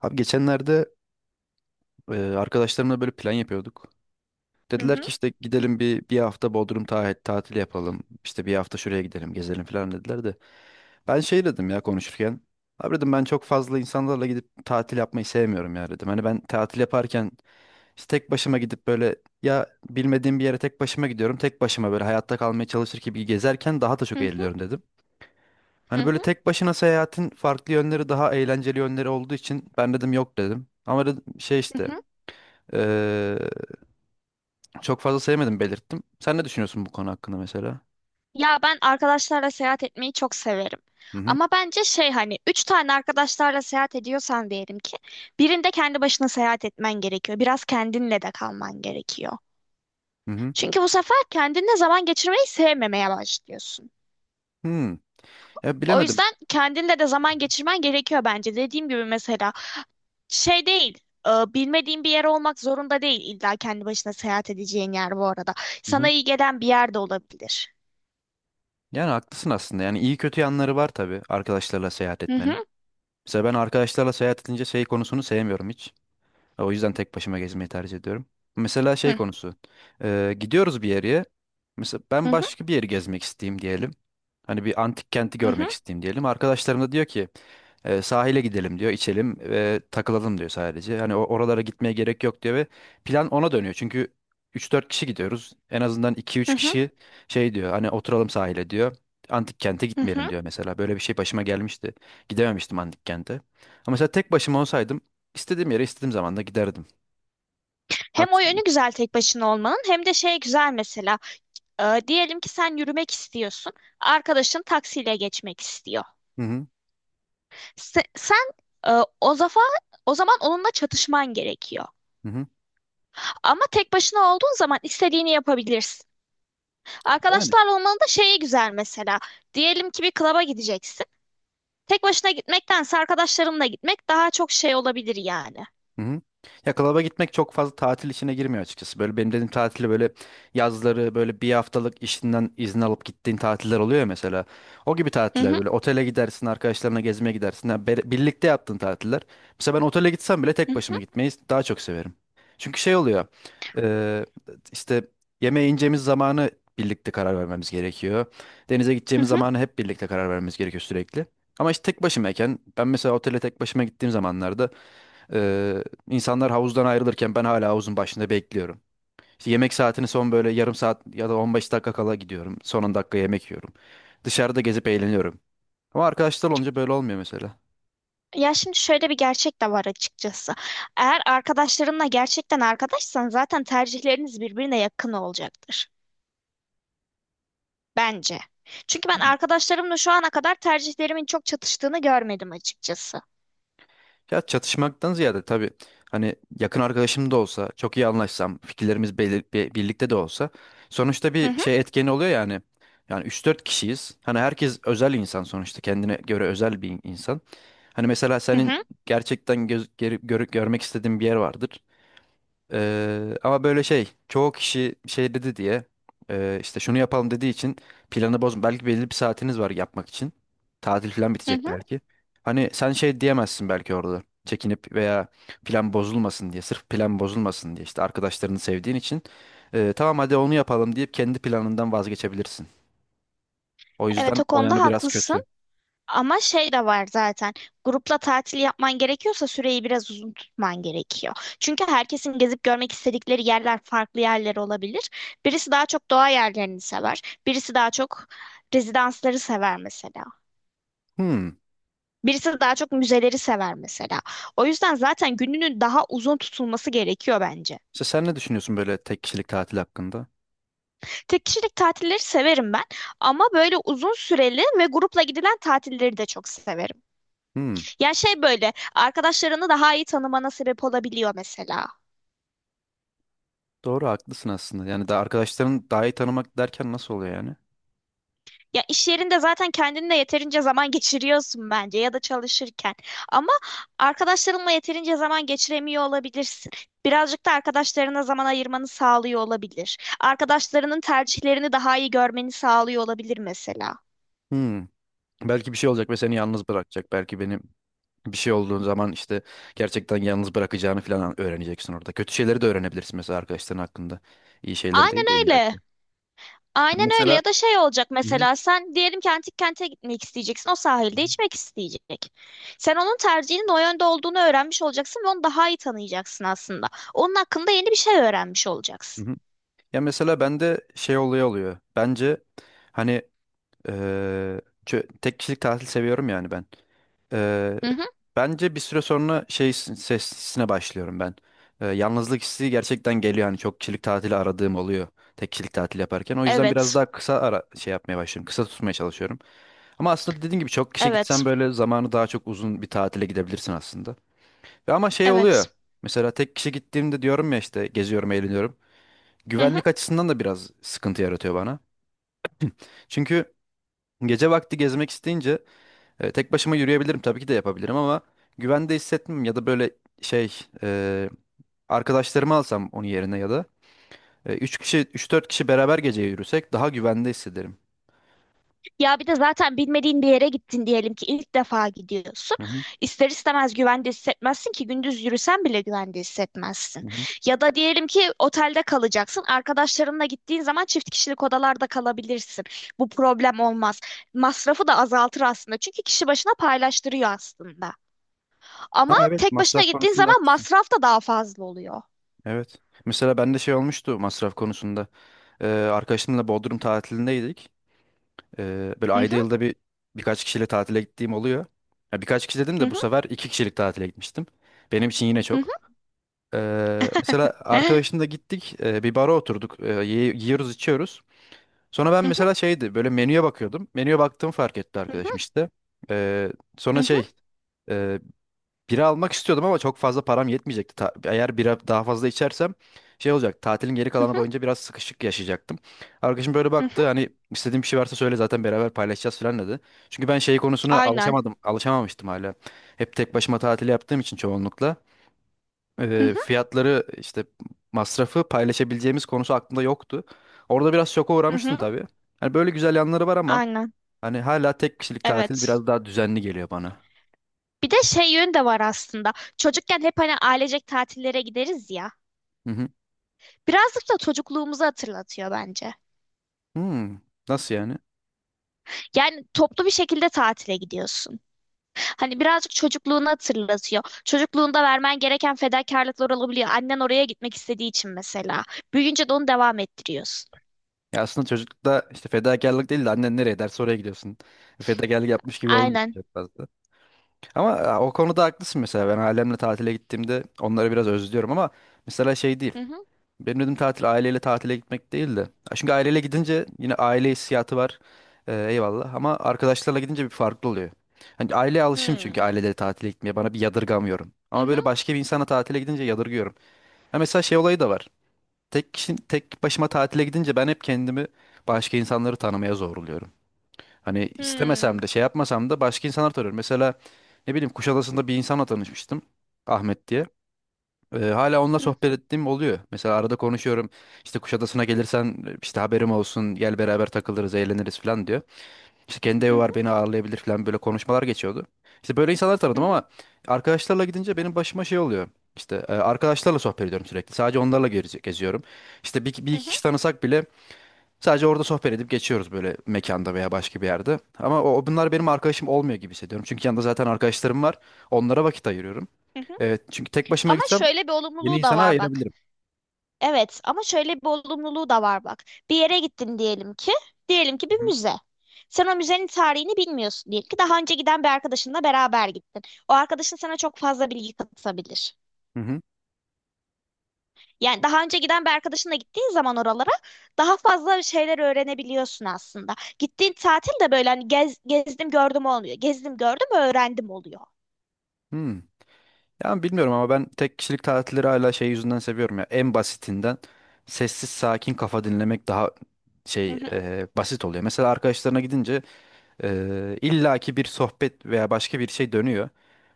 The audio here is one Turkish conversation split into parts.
Abi geçenlerde arkadaşlarımla böyle plan yapıyorduk. Hı Dediler hı, ki işte gidelim bir hafta Bodrum tatili yapalım. İşte bir hafta şuraya gidelim, gezelim falan dediler de. Ben şey dedim ya konuşurken. Abi dedim ben çok fazla insanlarla gidip tatil yapmayı sevmiyorum ya dedim. Hani ben tatil yaparken işte tek başıma gidip böyle ya bilmediğim bir yere tek başıma gidiyorum. Tek başıma böyle hayatta kalmaya çalışır gibi gezerken daha da çok hı hı, eğleniyorum dedim. hı Hani böyle hı, tek başına seyahatin farklı yönleri daha eğlenceli yönleri olduğu için ben dedim yok dedim. Ama dedim şey hı işte hı. ee, çok fazla sevmedim belirttim. Sen ne düşünüyorsun bu konu hakkında mesela? Ya ben arkadaşlarla seyahat etmeyi çok severim. Hı hı. Ama bence şey hani üç tane arkadaşlarla seyahat ediyorsan diyelim ki birinde kendi başına seyahat etmen gerekiyor. Biraz kendinle de kalman gerekiyor. Hı hı. Çünkü bu sefer kendinle zaman geçirmeyi sevmemeye başlıyorsun. Hmm. Ya O bilemedim. yüzden kendinle de zaman geçirmen gerekiyor bence. Dediğim gibi mesela şey değil. Bilmediğin bir yer olmak zorunda değil illa kendi başına seyahat edeceğin yer bu arada. Hı Sana hı. iyi gelen bir yer de olabilir. Yani haklısın aslında. Yani iyi kötü yanları var tabii arkadaşlarla seyahat Hı etmenin. hı. Mesela ben arkadaşlarla seyahat edince şey konusunu sevmiyorum hiç. O yüzden tek başıma gezmeyi tercih ediyorum. Mesela şey Hı. konusu. Gidiyoruz bir yere. Mesela ben Hı. başka bir yeri gezmek isteyeyim diyelim. Hani bir antik kenti Hı hı, görmek isteyeyim diyelim. Arkadaşlarım da diyor ki sahile gidelim diyor, içelim ve takılalım diyor sadece. Hani oralara gitmeye gerek yok diyor ve plan ona dönüyor. Çünkü üç dört kişi gidiyoruz. En azından iki hı üç hı, kişi şey diyor hani oturalım sahile diyor. Antik kente hı gitmeyelim hı. diyor mesela. Böyle bir şey başıma gelmişti. Gidememiştim antik kente. Ama mesela tek başıma olsaydım İstediğim yere istediğim zaman da giderdim. Hem o Haksız mıyım? yönü güzel tek başına olmanın hem de şey güzel mesela. Diyelim ki sen yürümek istiyorsun. Arkadaşın taksiyle geçmek istiyor. Hı hı. Sen e, o zafa o zaman onunla çatışman gerekiyor. Hı hı. Ama tek başına olduğun zaman istediğini yapabilirsin. Yani. Arkadaşlarla olmanın da şeyi güzel mesela. Diyelim ki bir klaba gideceksin. Tek başına gitmektense arkadaşlarınla gitmek daha çok şey olabilir yani. Hı hı. Ya klaba gitmek çok fazla tatil işine girmiyor açıkçası. Böyle benim dediğim tatili böyle yazları böyle bir haftalık işinden izin alıp gittiğin tatiller oluyor ya mesela. O gibi Hı tatiller hı, böyle otele gidersin arkadaşlarına gezmeye gidersin. Yani birlikte yaptığın tatiller. Mesela ben otele gitsem bile hı tek başıma hı, gitmeyi daha çok severim. Çünkü şey oluyor, e, işte yemeğe ineceğimiz zamanı birlikte karar vermemiz gerekiyor. Denize hı gideceğimiz hı. zamanı hep birlikte karar vermemiz gerekiyor sürekli. Ama işte tek başımayken ben mesela otele tek başıma gittiğim zamanlarda ee, insanlar havuzdan ayrılırken ben hala havuzun başında bekliyorum. İşte yemek saatini son böyle yarım saat ya da 15 dakika kala gidiyorum. Son 10 dakika yemek yiyorum. Dışarıda gezip eğleniyorum. Ama arkadaşlar olunca böyle olmuyor mesela. Ya şimdi şöyle bir gerçek de var açıkçası. Eğer arkadaşlarınla gerçekten arkadaşsan zaten tercihleriniz birbirine yakın olacaktır. Bence. Çünkü ben arkadaşlarımla şu ana kadar tercihlerimin çok çatıştığını görmedim açıkçası. Ya çatışmaktan ziyade tabii hani yakın arkadaşım da olsa, çok iyi anlaşsam, fikirlerimiz birlikte de olsa sonuçta Hı bir hı, şey etkeni oluyor yani. Yani üç dört kişiyiz. Hani herkes özel insan sonuçta. Kendine göre özel bir insan. Hani mesela hı senin hı, gerçekten görmek istediğin bir yer vardır. Ama böyle şey çoğu kişi şey dedi diye işte şunu yapalım dediği için planı bozma. Belki belli bir saatiniz var yapmak için. Tatil falan hı bitecek hı. belki. Hani sen şey diyemezsin belki orada. Çekinip veya plan bozulmasın diye. Sırf plan bozulmasın diye işte arkadaşlarını sevdiğin için tamam hadi onu yapalım deyip kendi planından vazgeçebilirsin. O Evet, yüzden o o konuda yanı biraz kötü. haklısın. Ama şey de var zaten. Grupla tatil yapman gerekiyorsa süreyi biraz uzun tutman gerekiyor. Çünkü herkesin gezip görmek istedikleri yerler farklı yerler olabilir. Birisi daha çok doğa yerlerini sever. Birisi daha çok rezidansları sever mesela. Hmm. Birisi daha çok müzeleri sever mesela. O yüzden zaten gününün daha uzun tutulması gerekiyor bence. İşte sen ne düşünüyorsun böyle tek kişilik tatil hakkında? Tek kişilik tatilleri severim ben ama böyle uzun süreli ve grupla gidilen tatilleri de çok severim. Hmm. Ya şey böyle arkadaşlarını daha iyi tanımana sebep olabiliyor mesela. Doğru haklısın aslında. Yani da arkadaşların daha iyi tanımak derken nasıl oluyor yani? Ya iş yerinde zaten kendinle yeterince zaman geçiriyorsun bence ya da çalışırken. Ama arkadaşlarınla yeterince zaman geçiremiyor olabilirsin. Birazcık da arkadaşlarına zaman ayırmanı sağlıyor olabilir. Arkadaşlarının tercihlerini daha iyi görmeni sağlıyor olabilir mesela. Hmm. Belki bir şey olacak ve seni yalnız bırakacak. Belki benim bir şey olduğun zaman işte gerçekten yalnız bırakacağını falan öğreneceksin orada. Kötü şeyleri de öğrenebilirsin mesela arkadaşların hakkında. İyi şeyleri Aynen değil de illa öyle. ki. Aynen öyle Mesela. ya da şey olacak Hı hı. mesela sen diyelim ki antik kente gitmek isteyeceksin, o sahilde içmek isteyecek. Sen onun tercihinin o yönde olduğunu öğrenmiş olacaksın ve onu daha iyi tanıyacaksın aslında. Onun hakkında yeni bir şey öğrenmiş Hı olacaksın. hı. Ya mesela bende şey oluyor. Bence, hani, tek kişilik tatil seviyorum yani ben. Ee, Hı hı. bence bir süre sonra şey sesine başlıyorum ben. Yalnızlık hissi gerçekten geliyor. Hani çok kişilik tatili aradığım oluyor. Tek kişilik tatil yaparken. O yüzden biraz Evet. daha kısa ara şey yapmaya başlıyorum. Kısa tutmaya çalışıyorum. Ama aslında dediğim gibi çok kişi Evet. gitsen böyle zamanı daha çok uzun bir tatile gidebilirsin aslında. Ve ama şey oluyor. Evet. Mesela tek kişi gittiğimde diyorum ya işte geziyorum, eğleniyorum. Hı hı. Güvenlik açısından da biraz sıkıntı yaratıyor bana. Çünkü gece vakti gezmek isteyince tek başıma yürüyebilirim tabii ki de yapabilirim ama güvende hissetmem ya da böyle şey, arkadaşlarımı alsam onun yerine ya da üç dört kişi beraber gece yürüsek daha güvende hissederim. Ya bir de zaten bilmediğin bir yere gittin diyelim ki ilk defa gidiyorsun. Hı hı, İster istemez güvende hissetmezsin ki gündüz yürüsen bile güvende hissetmezsin. hı hı. Ya da diyelim ki otelde kalacaksın. Arkadaşlarınla gittiğin zaman çift kişilik odalarda kalabilirsin. Bu problem olmaz. Masrafı da azaltır aslında. Çünkü kişi başına paylaştırıyor aslında. Ama Ha, evet, tek başına masraf gittiğin konusunda zaman haklısın. masraf da daha fazla oluyor. Evet. Mesela bende şey olmuştu masraf konusunda. Arkadaşımla Bodrum tatilindeydik. Böyle Hı ayda hı, yılda bir birkaç kişiyle tatile gittiğim oluyor. Ya birkaç kişi dedim hı de bu hı, sefer iki kişilik tatile gitmiştim. Benim için yine hı hı. çok. Mesela arkadaşımla gittik, bir bara oturduk, yiyoruz içiyoruz. Sonra ben Hı hı, mesela şeydi böyle menüye bakıyordum. Menüye baktığımı fark etti hı hı, arkadaşım işte. Ee, sonra hı şey, e, bira almak istiyordum ama çok fazla param yetmeyecekti. Eğer bira daha fazla içersem şey olacak, tatilin geri hı, kalanı boyunca biraz sıkışık yaşayacaktım. Arkadaşım böyle hı hı. baktı, hani istediğin bir şey varsa söyle zaten beraber paylaşacağız falan dedi. Çünkü ben şey konusuna Aynen. Alışamamıştım hala. Hep tek başıma tatil yaptığım için çoğunlukla Hı hı, fiyatları işte masrafı paylaşabileceğimiz konusu aklımda yoktu. Orada biraz şoka hı uğramıştım hı. tabii. Hani böyle güzel yanları var ama Aynen. hani hala tek kişilik tatil Evet. biraz daha düzenli geliyor bana. Bir de şey yönü de var aslında. Çocukken hep hani ailecek tatillere gideriz ya. Hı hı. Birazcık da çocukluğumuzu hatırlatıyor bence. Hmm, nasıl yani? Yani toplu bir şekilde tatile gidiyorsun. Hani birazcık çocukluğunu hatırlatıyor. Çocukluğunda vermen gereken fedakarlıklar olabiliyor. Annen oraya gitmek istediği için mesela. Büyüyünce de onu devam ettiriyorsun. Ya aslında çocuklukta işte fedakarlık değil de annen nereye derse oraya gidiyorsun. Fedakarlık yapmış gibi olmuyor Aynen. çok fazla. Ama o konuda haklısın. Mesela ben ailemle tatile gittiğimde onları biraz özlüyorum ama mesela şey değil. Hı hı. Benim dedim tatil aileyle tatile gitmek değil de. Ya, çünkü aileyle gidince yine aile hissiyatı var. Eyvallah. Ama arkadaşlarla gidince bir farklı oluyor. Hani aileye alışım çünkü Hmm. aileleri tatile gitmeye. Bana bir yadırgamıyorum. Hı Ama hı. böyle başka bir insana tatile gidince yadırgıyorum. Ya mesela şey olayı da var. Tek başıma tatile gidince ben hep kendimi başka insanları tanımaya zorluyorum. Hani Hmm. istemesem de şey yapmasam da başka insanlar tanıyorum. Mesela ne bileyim, Kuşadası'nda bir insanla tanışmıştım. Ahmet diye. Hala onunla Hı sohbet hı. ettiğim oluyor. Mesela arada konuşuyorum. İşte Kuşadası'na gelirsen işte haberim olsun, gel beraber takılırız eğleniriz falan diyor. İşte kendi evi Hı var, hı. beni ağırlayabilir falan böyle konuşmalar geçiyordu. İşte böyle insanlar Hı tanıdım hı. ama arkadaşlarla gidince benim başıma şey oluyor. İşte arkadaşlarla sohbet ediyorum sürekli. Sadece onlarla geziyorum. İşte bir Hı iki hı. kişi tanısak bile sadece orada sohbet edip geçiyoruz böyle mekanda veya başka bir yerde. Ama bunlar benim arkadaşım olmuyor gibi hissediyorum. Çünkü yanında zaten arkadaşlarım var. Onlara vakit ayırıyorum. Hı hı. Evet, çünkü tek başıma Ama gitsem şöyle bir yeni olumluluğu da insana var bak. ayırabilirim. Evet, ama şöyle bir olumluluğu da var bak. Bir yere gittin diyelim ki, bir Hı müze. Sen o müzenin tarihini bilmiyorsun diyelim ki, daha önce giden bir arkadaşınla beraber gittin. O arkadaşın sana çok fazla bilgi katabilir. hı. Hı. Yani daha önce giden bir arkadaşınla gittiğin zaman oralara daha fazla şeyler öğrenebiliyorsun aslında. Gittiğin tatil de böyle hani gezdim gördüm olmuyor. Gezdim gördüm öğrendim oluyor. Hmm. Ya bilmiyorum ama ben tek kişilik tatilleri hala şey yüzünden seviyorum ya. En basitinden sessiz sakin kafa dinlemek daha Hı şey, hı, basit oluyor. Mesela arkadaşlarına gidince illaki bir sohbet veya başka bir şey dönüyor.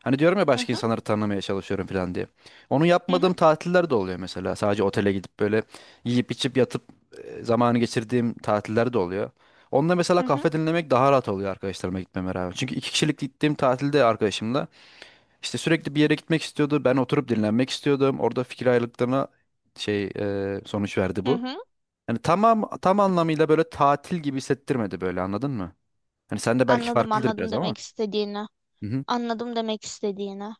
Hani diyorum ya hı başka hı, insanları tanımaya çalışıyorum falan diye. Onu hı hı, yapmadığım tatiller de oluyor mesela. Sadece otele gidip böyle yiyip içip yatıp zamanı geçirdiğim tatiller de oluyor. Onda mesela hı hı, kahve dinlemek daha rahat oluyor arkadaşlarıma gitmeme rağmen. Çünkü iki kişilik gittiğim tatilde arkadaşımla İşte sürekli bir yere gitmek istiyordu. Ben oturup dinlenmek istiyordum. Orada fikir ayrılıklarına şey, sonuç verdi hı bu. hı. Yani tamam, tam anlamıyla böyle tatil gibi hissettirmedi, böyle anladın mı? Hani sen de belki Anladım, farklıdır biraz anladım ama. demek istediğini. Hı hı. Anladım demek istediğini.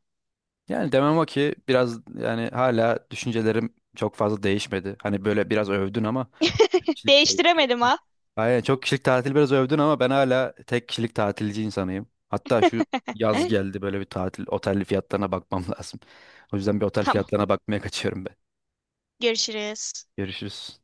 Yani demem o ki biraz yani hala düşüncelerim çok fazla değişmedi. Hani böyle biraz övdün ama kişilik şey çok Değiştiremedim ha. Aynen çok kişilik tatil biraz övdün ama ben hala tek kişilik tatilci insanıyım. Hatta şu yaz geldi, böyle bir tatil otel fiyatlarına bakmam lazım. O yüzden bir otel Tamam. fiyatlarına bakmaya kaçıyorum ben. Görüşürüz. Görüşürüz.